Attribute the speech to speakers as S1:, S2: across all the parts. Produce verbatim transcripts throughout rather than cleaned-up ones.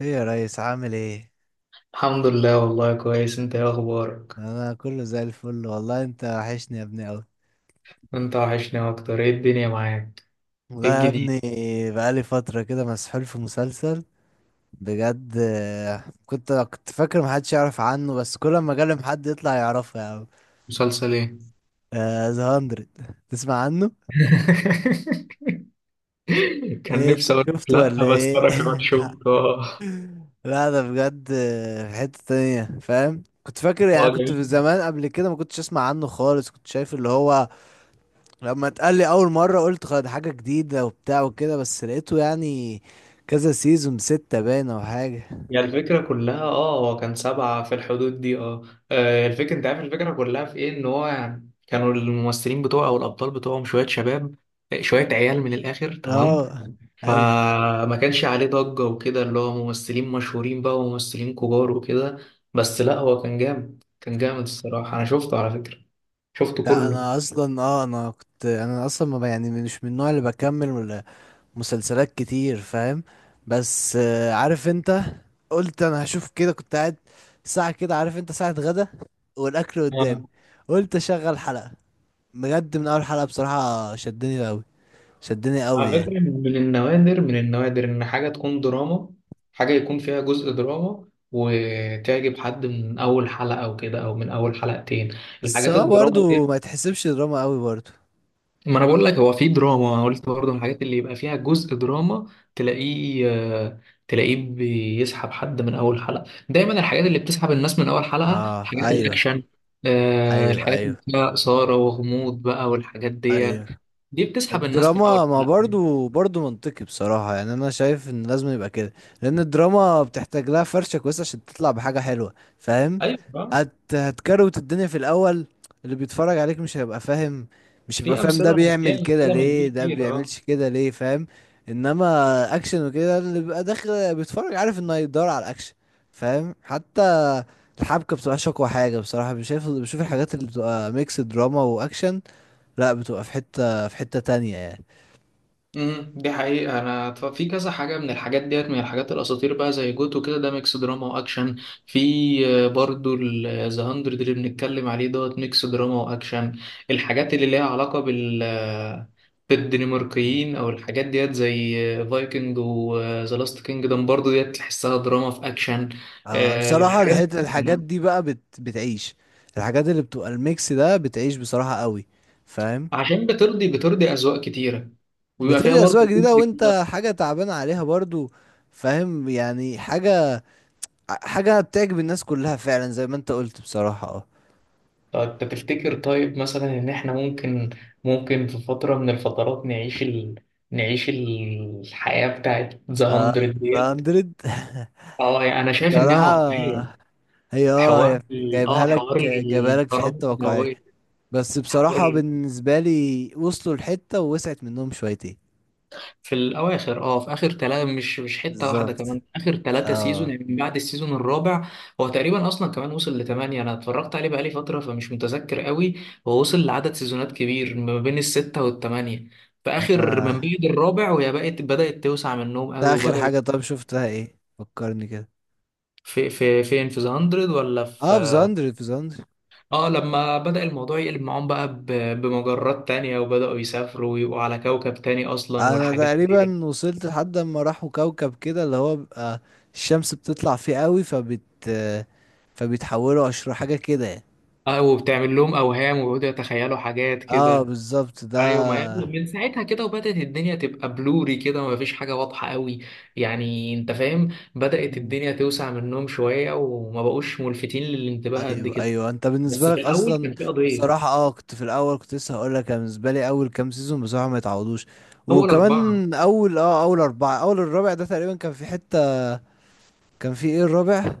S1: ايه يا ريس عامل ايه.
S2: الحمد لله، والله كويس. انت ايه اخبارك؟
S1: انا كله زي الفل والله، انت وحشني يا ابني اوي.
S2: انت وحشني اكتر. ايه الدنيا معاك؟
S1: والله
S2: ايه
S1: يا
S2: الجديد؟
S1: ابني، بقالي فترة كده مسحول في مسلسل بجد. آه، كنت كنت فاكر محدش يعرف عنه، بس كل ما اكلم حد يطلع يعرفه يا عم.
S2: مسلسل ايه؟
S1: ذا هاندرد، تسمع عنه؟
S2: كان
S1: ايه انت
S2: نفسي اقول لك
S1: شفته
S2: لا،
S1: ولا
S2: بس
S1: ايه؟
S2: انا كمان شفته اه.
S1: لا ده بجد، آه، في حتة تانية فاهم. كنت فاكر يعني،
S2: اه،
S1: كنت في
S2: جميل.
S1: زمان قبل كده ما كنتش اسمع عنه خالص، كنت شايف اللي هو، لما اتقال لي اول مره قلت خد حاجه جديده وبتاع وكده، بس لقيته يعني كذا سيزون، ستة باينه وحاجه.
S2: يعني الفكره كلها، اه هو كان سبعه في الحدود دي اه. اه، الفكره، انت عارف الفكره كلها في ايه، ان هو يعني كانوا الممثلين بتوعه او الابطال بتوعهم شويه شباب، شويه عيال من الاخر، تمام.
S1: اه ايوه.
S2: فما كانش عليه ضجة وكده، اللي هو ممثلين مشهورين بقى وممثلين كبار وكده. بس لا، هو كان جامد، كان جامد الصراحة. أنا شفته على فكرة، شفته
S1: ده
S2: كله.
S1: انا اصلا اه، انا كنت، انا اصلا ما ب- يعني مش من النوع اللي بكمل ولا مسلسلات كتير فاهم. بس آه، عارف انت، قلت انا هشوف كده. كنت قاعد ساعه كده، عارف انت، ساعه غدا والاكل قدامي،
S2: آه.
S1: قلت اشغل حلقه. بجد من اول حلقه بصراحه شدني قوي، شدني قوي
S2: على
S1: يعني.
S2: فكرة، من النوادر، من النوادر إن حاجة تكون دراما، حاجة يكون فيها جزء دراما وتعجب حد من أول حلقة أو كده أو من أول حلقتين،
S1: بس
S2: الحاجات
S1: هو
S2: الدراما
S1: برضه
S2: دي.
S1: ما يتحسبش دراما قوي برضه.
S2: ما انا بقول لك هو في دراما، قلت برضه من الحاجات اللي يبقى فيها جزء دراما، تلاقيه، آه، تلاقيه بيسحب حد من اول حلقه. دايما الحاجات اللي بتسحب الناس من اول حلقه
S1: اه
S2: حاجات
S1: ايوه
S2: الاكشن. آه،
S1: ايوه.
S2: الحاجات اللي
S1: ايوه
S2: فيها اثاره وغموض بقى والحاجات دي،
S1: ايوه.
S2: دي بتسحب الناس من اول
S1: الدراما ما
S2: حلقه.
S1: برضو، برضو منطقي بصراحة، يعني أنا شايف إن لازم يبقى كده، لأن الدراما بتحتاج لها فرشة كويسة عشان تطلع بحاجة حلوة فاهم.
S2: ايوه، آه.
S1: هت، هتكروت الدنيا في الأول. اللي بيتفرج عليك مش هيبقى فاهم، مش هيبقى
S2: في
S1: فاهم ده
S2: امثله، في
S1: بيعمل كده
S2: امثله من
S1: ليه،
S2: دي
S1: ده
S2: كتير اه.
S1: بيعملش كده ليه، فاهم؟ إنما أكشن وكده، اللي بيبقى داخل بيتفرج عارف إنه هيدور على الأكشن، فاهم؟ حتى الحبكة بتبقى أقوى حاجة بصراحة. بشوف بشوف الحاجات اللي بتبقى ميكس دراما وأكشن، لا بتبقى في حتة في حتة تانية يعني.
S2: امم دي حقيقة. أنا ف- في كذا حاجة من الحاجات ديت، من الحاجات الأساطير بقى، زي جوتو كده، ده ميكس دراما وأكشن. في، آه، برضو ذا هاندرد اللي بنتكلم عليه دوت ميكس دراما وأكشن. الحاجات اللي ليها علاقة بال آه،
S1: مم.
S2: بالدنماركيين أو الحاجات ديت، زي فايكنج وذا لاست كينجدم، برضو ديت تحسها دراما في أكشن.
S1: آه،
S2: آه،
S1: بصراحة
S2: الحاجات
S1: الحت...، الحاجات
S2: دي
S1: دي بقى بت...، بتعيش. الحاجات اللي بتبقى الميكس ده بتعيش بصراحة قوي، فاهم؟
S2: عشان بترضي بترضي أذواق كتيرة، ويبقى فيها
S1: بترجع أذواق
S2: برضو
S1: جديدة
S2: جزء كده.
S1: وانت حاجة تعبان عليها برضو، فاهم يعني. حاجة حاجة بتعجب الناس كلها فعلا زي ما انت قلت بصراحة، اه.
S2: طب انت تفتكر، طيب مثلا ان احنا ممكن، ممكن في فترة من الفترات نعيش ال... نعيش الحياة بتاعت ذا
S1: آه،
S2: مية
S1: ذا
S2: ديت؟
S1: هاندرد.
S2: اه، يعني انا شايف انها واقعية.
S1: بصراحة هي اه، هي
S2: حوار ال...
S1: جايبها
S2: اه،
S1: لك،
S2: حوار
S1: جايبها لك في
S2: القنابل
S1: حتة واقعية.
S2: النووية.
S1: بس
S2: حوار
S1: بصراحة
S2: ال...
S1: بالنسبة لي وصلوا لحتة ووسعت منهم شويتين.
S2: في الاواخر، اه، في اخر ثلاثه، مش مش حته واحده،
S1: بالظبط
S2: كمان اخر ثلاثه سيزون،
S1: اه.
S2: يعني من بعد السيزون الرابع. هو تقريبا اصلا كمان وصل لثمانيه. انا اتفرجت عليه بقالي فتره، فمش متذكر قوي. هو وصل لعدد سيزونات كبير ما بين السته والثمانيه في اخر، من
S1: آه.
S2: بعد الرابع، وهي بقت، بدات توسع منهم
S1: ده
S2: قوي
S1: اخر
S2: وبداوا.
S1: حاجة طب شفتها ايه، فكرني كده.
S2: في في فين، في ذا هاندرد ولا في؟
S1: اه في زندر، في زندر
S2: اه، لما بدأ الموضوع يقلب معاهم بقى ب- بمجرات تانية، وبدأوا يسافروا ويبقوا على كوكب تاني اصلا
S1: انا
S2: والحاجات دي.
S1: تقريبا وصلت لحد ما راحوا كوكب كده اللي هو بيبقى الشمس بتطلع فيه قوي، فبت، فبيتحولوا اشرار حاجة كده يعني.
S2: اه، وبتعمل لهم اوهام ويقعدوا يتخيلوا حاجات
S1: اه
S2: كده.
S1: بالظبط ده.
S2: ايوه، ما هي من ساعتها كده، وبدات الدنيا تبقى بلوري كده وما فيش حاجه واضحه قوي، يعني انت فاهم. بدات
S1: مم.
S2: الدنيا توسع منهم شويه وما بقوش ملفتين للانتباه قد
S1: ايوه
S2: كده.
S1: ايوه، انت
S2: بس
S1: بالنسبة
S2: في
S1: لك
S2: الاول
S1: اصلا،
S2: كان في قضيه.
S1: بصراحة اه كنت في الاول، كنت لسه هقول لك، أنا بالنسبة لي اول كام سيزون بصراحة ما يتعوضوش.
S2: اول اربعه،
S1: وكمان اول اه، اول اربعة، اول الرابع ده تقريبا كان في حتة. كان في ايه الرابع؟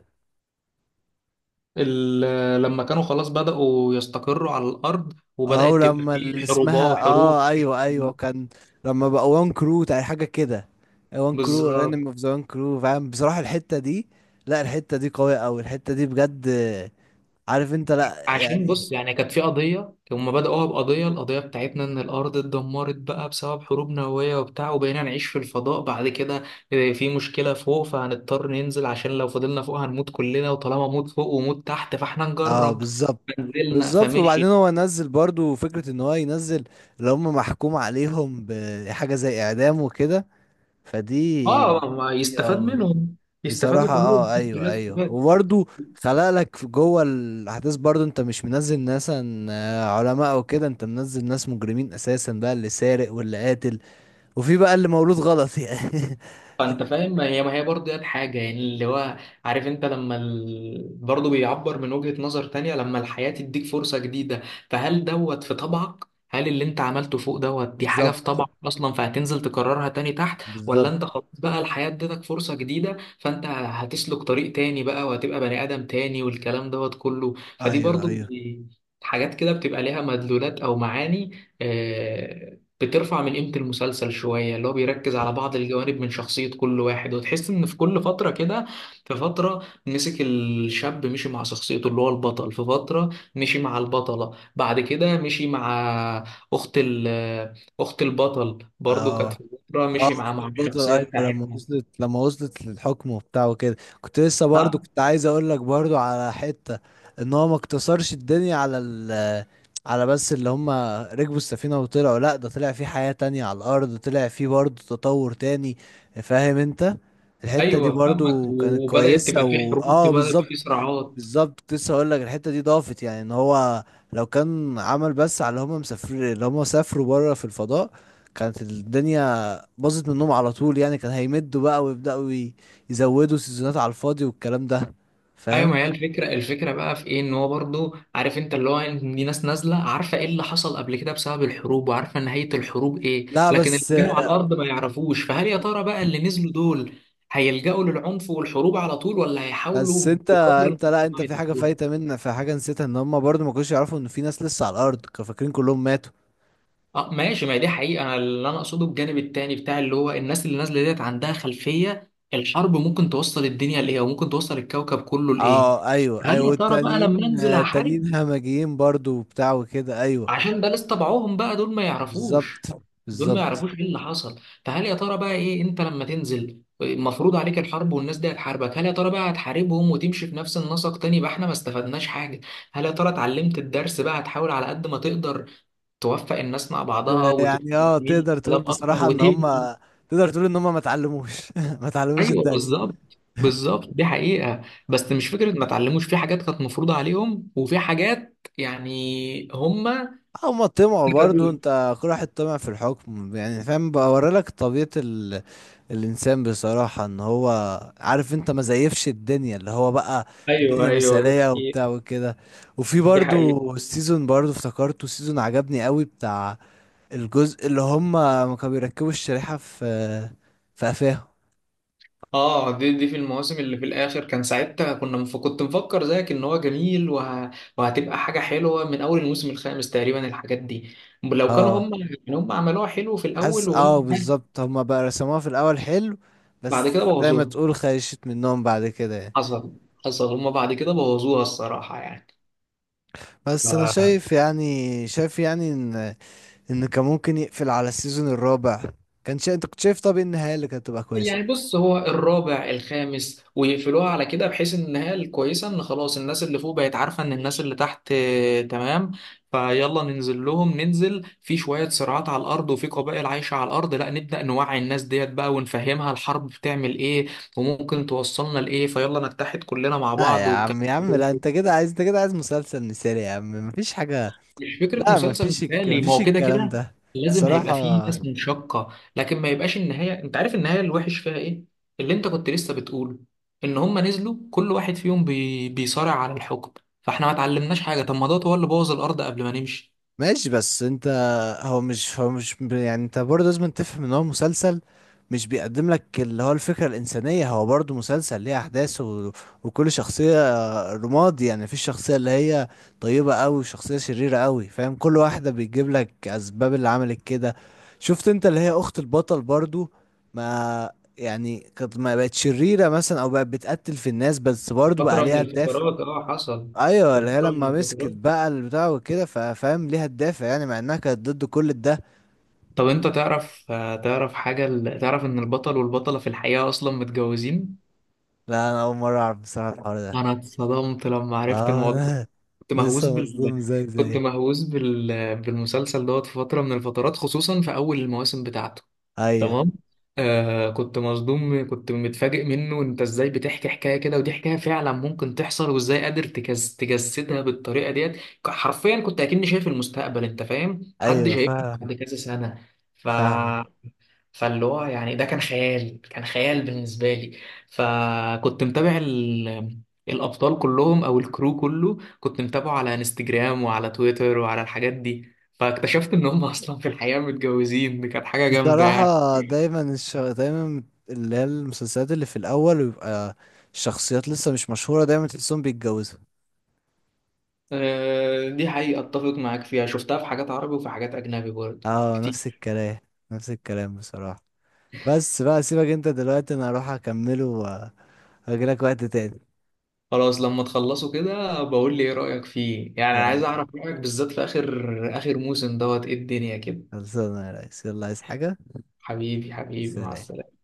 S2: ال- لما كانوا خلاص بداوا يستقروا على الارض،
S1: اه
S2: وبدات تبقى
S1: ولما اللي
S2: في
S1: اسمها
S2: حروبات، حروب.
S1: اه، ايوه ايوه كان لما بقى وان كرو تاع حاجه كده، وان كرو
S2: بالظبط.
S1: انمي اوف ذا وان كرو فاهم. بصراحه الحته دي، لا الحته دي قويه قوي، الحته دي بجد، عارف انت، لا
S2: عشان
S1: يعني.
S2: بص، يعني كانت في قضية، هما بدأوها بقضية، القضية بتاعتنا إن الأرض اتدمرت بقى بسبب حروب نووية وبتاع، وبقينا نعيش في الفضاء بعد كده. آه، في مشكلة فوق، فهنضطر ننزل، عشان لو فضلنا فوق هنموت كلنا، وطالما موت فوق وموت تحت فاحنا
S1: اه
S2: نجرب،
S1: بالظبط،
S2: فنزلنا
S1: بالظبط. وبعدين
S2: فمشي.
S1: هو نزل برضو فكره ان هو ينزل، اللي هم محكوم عليهم بحاجه زي اعدام وكده،
S2: اه،
S1: فدي،
S2: ما
S1: دي
S2: يستفاد
S1: اه،
S2: منهم، يستفادوا
S1: بصراحة
S2: كلهم،
S1: اه
S2: الناس
S1: ايوه
S2: كلها
S1: ايوه.
S2: تستفاد.
S1: وبرضه خلق لك في جوه الاحداث، برضه انت مش منزل ناس عن- آه، علماء او كده، انت منزل ناس مجرمين اساسا بقى، اللي سارق واللي قاتل، وفي بقى اللي مولود غلط يعني.
S2: فانت فاهم، ما هي ما هي برضه دي الحاجه، يعني اللي هو، عارف انت لما ال... برضه بيعبر من وجهه نظر تانية، لما الحياه تديك فرصه جديده، فهل دوت في طبعك؟ هل اللي انت عملته فوق دوت دي حاجه
S1: بالظبط،
S2: في طبعك اصلا، فهتنزل تكررها تاني تحت؟ ولا انت
S1: بالظبط.
S2: خلاص بقى الحياه ادتك فرصه جديده، فانت هتسلك طريق تاني بقى وهتبقى بني ادم تاني والكلام دوت كله. فدي
S1: ايوه
S2: برضه
S1: ايوه.
S2: بي- حاجات كده بتبقى ليها مدلولات او معاني. آه، بترفع من قيمة المسلسل شوية، اللي هو بيركز على بعض الجوانب من شخصية كل واحد، وتحس إن في كل فترة كده، في فترة مسك الشاب مشي مع شخصيته اللي هو البطل، في فترة مشي مع البطلة، بعد كده مشي مع أخت ال، أخت البطل برضه كانت
S1: اه
S2: في فترة
S1: اه
S2: مشي مع،
S1: اخت
S2: مع
S1: البطل
S2: الشخصية
S1: ايوه، لما
S2: بتاعتها.
S1: وصلت، لما وصلت للحكم وبتاع وكده. كنت لسه برضو
S2: ها.
S1: كنت عايز اقول لك برضو على حتة، ان هو ما اقتصرش الدنيا على ال، على بس اللي هم ركبوا السفينة وطلعوا، لا ده طلع في حياة تانية على الارض، طلع في برضو تطور تاني، فاهم انت؟ الحتة دي
S2: أيوه فاهمك.
S1: برضو كانت
S2: وبدأت
S1: كويسة،
S2: تبقى في
S1: و
S2: حروب،
S1: اه
S2: تبقى يبقى
S1: بالظبط.
S2: في صراعات.
S1: بالظبط، كنت لسه هقول لك الحته دي ضافت يعني، ان هو لو كان عمل بس على اللي هم مسافر، اللي هم سافروا بره في الفضاء، كانت الدنيا باظت منهم على طول يعني، كان هيمدوا بقى ويبداوا ي- يزودوا سيزونات على الفاضي والكلام ده،
S2: ايوه،
S1: فاهم؟
S2: ما هي الفكره، الفكره بقى في ايه، ان هو برضو عارف انت اللي هو، إن دي ناس نازله عارفه ايه اللي حصل قبل كده بسبب الحروب، وعارفه نهايه الحروب ايه،
S1: لا
S2: لكن اللي
S1: بس،
S2: كانوا على الارض ما يعرفوش. فهل يا ترى بقى اللي نزلوا دول هيلجأوا للعنف والحروب على طول، ولا
S1: بس
S2: هيحاولوا
S1: انت
S2: بقدر
S1: انت لا
S2: الامكان
S1: انت، في حاجه
S2: يتجنبوها؟
S1: فايته منك، في حاجه نسيتها، ان هم برضو ما كانوش يعرفوا ان في ناس لسه على الارض، كانوا فاكرين كلهم ماتوا.
S2: اه ماشي، ما هي دي حقيقه. أنا اللي انا اقصده الجانب التاني بتاع، اللي هو الناس اللي نازله ديت عندها خلفيه الحرب ممكن توصل الدنيا لايه وممكن توصل الكوكب كله لايه.
S1: اه ايوه
S2: هل
S1: ايوه،
S2: يا ترى بقى لما
S1: والتانيين
S2: انزل
S1: آه،
S2: احارب
S1: التانيين همجيين برضو وبتاع وكده، ايوه.
S2: عشان ده لسه طبعهم بقى؟ دول ما يعرفوش،
S1: بالظبط
S2: دول ما
S1: بالظبط.
S2: يعرفوش ايه اللي حصل. فهل يا ترى بقى ايه، انت لما تنزل مفروض عليك الحرب، والناس دي هتحاربك، هل يا ترى بقى هتحاربهم وتمشي في نفس النسق تاني، يبقى احنا ما استفدناش حاجة؟ هل يا ترى اتعلمت الدرس بقى، هتحاول على قد ما تقدر توفق الناس مع بعضها وتميل
S1: يعني اه، تقدر
S2: للسلام
S1: تقول
S2: اكتر
S1: بصراحة ان هم،
S2: وتبني؟
S1: تقدر تقول ان هم ما اتعلموش. ما اتعلموش
S2: ايوه
S1: الدرس.
S2: بالظبط، بالظبط دي حقيقة. بس مش فكرة ما اتعلموش، في حاجات كانت مفروضة عليهم وفي حاجات يعني هما.
S1: هم طمعوا برضو، انت كل واحد طمع في الحكم يعني، فاهم؟ بوريلك طبيعة ال...، الانسان بصراحة، ان هو عارف انت ما زيفش الدنيا اللي هو بقى،
S2: ايوه
S1: الدنيا
S2: ايوه دي
S1: مثالية
S2: حقيقة.
S1: وبتاع وكده. وفي
S2: دي
S1: برضو
S2: حقيقة.
S1: السيزون، برضو افتكرته سيزون عجبني قوي بتاع، الجزء اللي هم ما كانوا بيركبوا الشريحة في، في قفاهم.
S2: اه، دي، دي في المواسم اللي في الاخر. كان ساعتها كنا مف... كنت مفكر زيك ان هو جميل وه... وهتبقى حاجة حلوة من اول الموسم الخامس تقريبا، الحاجات دي، لو كانوا
S1: اه
S2: هم يعني هم عملوها حلو في
S1: حاسس
S2: الاول وقلنا
S1: اه،
S2: ها.
S1: بالظبط، هما بقى رسموها في الاول حلو،
S2: بعد
S1: بس
S2: كده
S1: زي ما
S2: بوظوها.
S1: تقول خيشت منهم بعد كده يعني.
S2: حصل، حصل هم بعد كده بوظوها الصراحة.
S1: بس انا
S2: يعني
S1: شايف يعني، شايف يعني ان، ان كان ممكن يقفل على السيزون الرابع. كان شا...، انت كنت شايف طب إيه النهايه اللي كانت تبقى كويسه؟
S2: يعني بص، هو الرابع الخامس ويقفلوها على كده، بحيث ان النهايه الكويسه ان خلاص الناس اللي فوق بقت عارفه ان الناس اللي تحت، آه، تمام، فيلا ننزل لهم، ننزل في شويه صراعات على الارض وفي قبائل عايشه على الارض، لا نبدا نوعي الناس ديت بقى ونفهمها الحرب بتعمل ايه وممكن توصلنا لايه، فيلا نتحد كلنا مع
S1: لا
S2: بعض
S1: يا عم،
S2: والكلام
S1: يا
S2: ده
S1: عم لا،
S2: كله.
S1: انت كده عايز، انت كده عايز مسلسل مثالي يا عم، مفيش حاجه.
S2: مش فكرة
S1: لا
S2: مسلسل
S1: مفيش الك...،
S2: مثالي، ما
S1: مفيش
S2: هو كده
S1: الكلام
S2: كده
S1: ده
S2: لازم
S1: بصراحه.
S2: هيبقى فيه ناس منشقة، لكن ما يبقاش النهاية، انت عارف النهاية الوحش فيها ايه، اللي انت كنت لسه بتقوله، ان هما نزلوا كل واحد فيهم بي... بيصارع على الحكم، فاحنا ما اتعلمناش حاجة. طب ما دوت هو اللي بوظ الارض قبل ما نمشي.
S1: ماشي بس انت، هو مش، هو مش يعني انت برضه لازم تفهم ان هو مسلسل مش بيقدم لك اللي هو الفكرة الإنسانية، هو برضه مسلسل ليه أحداث و...، وكل شخصية رماد يعني، مفيش شخصية اللي هي طيبة أوي وشخصية شريرة أوي، فاهم؟ كل واحدة بيجيب لك أسباب اللي عملت كده. شفت انت اللي هي أخت البطل برضه ما، يعني كانت، ما بقت شريرة مثلا أو بقت بتقتل في الناس، بس برضه بقى
S2: فترة من
S1: ليها الدافع.
S2: الفترات اه حصل،
S1: ايوه
S2: في
S1: اللي هي
S2: فترة من
S1: لما مسكت
S2: الفترات.
S1: بقى البتاع وكده، فاهم ليها الدافع يعني، مع انها كانت ضد كل ده.
S2: طب انت تعرف، آه، تعرف حاجة، ال- تعرف ان البطل والبطلة في الحقيقة اصلا متجوزين؟
S1: لا انا اول مره اعرف بصراحه الحوار ده.
S2: انا اتصدمت لما عرفت
S1: اه
S2: الموضوع.
S1: انا
S2: كنت مهووس
S1: لسه مصدوم
S2: بال
S1: زي،
S2: كنت
S1: زي
S2: مهووس بال... بالمسلسل دوت في فترة من الفترات، خصوصا في أول المواسم بتاعته.
S1: ايوه
S2: تمام. آه كنت مصدوم، كنت متفاجئ منه. انت ازاي بتحكي حكاية كده، ودي حكاية فعلا ممكن تحصل، وازاي قادر تجس... تجسدها بالطريقة ديت. ك- حرفيا كنت اكني شايف المستقبل، انت فاهم، حد
S1: ايوه
S2: شايفني
S1: فاهم،
S2: بعد كذا سنة. ف
S1: فاهمه.
S2: فاللي هو يعني ده كان خيال، كان خيال بالنسبة لي. فكنت متابع ال... الأبطال كلهم أو الكرو كله، كنت متابعه على انستجرام وعلى تويتر وعلى الحاجات دي، فاكتشفت إن هم أصلا في الحقيقة متجوزين. دي كانت حاجة جامدة يعني.
S1: بصراحه دايما الش...، دايما اللي هي المسلسلات اللي في الاول بيبقى الشخصيات لسه مش مشهوره، دايما تحسهم بيتجوزوا.
S2: آه، دي حقيقة أتفق معاك فيها. شفتها في حاجات عربي وفي حاجات أجنبي برضه
S1: اه نفس
S2: كتير.
S1: الكلام، نفس الكلام بصراحه. بس بقى سيبك انت دلوقتي، انا هروح اكمله واجيلك وقت تاني.
S2: خلاص، لما تخلصوا كده بقول لي إيه رأيك فيه، يعني أنا عايز
S1: يلا
S2: أعرف رأيك بالذات في آخر، آخر موسم دوت إيه الدنيا كده.
S1: خلصانة يا ريس، يلا عايز حاجة؟
S2: حبيبي حبيبي، مع
S1: سلام.
S2: السلامة.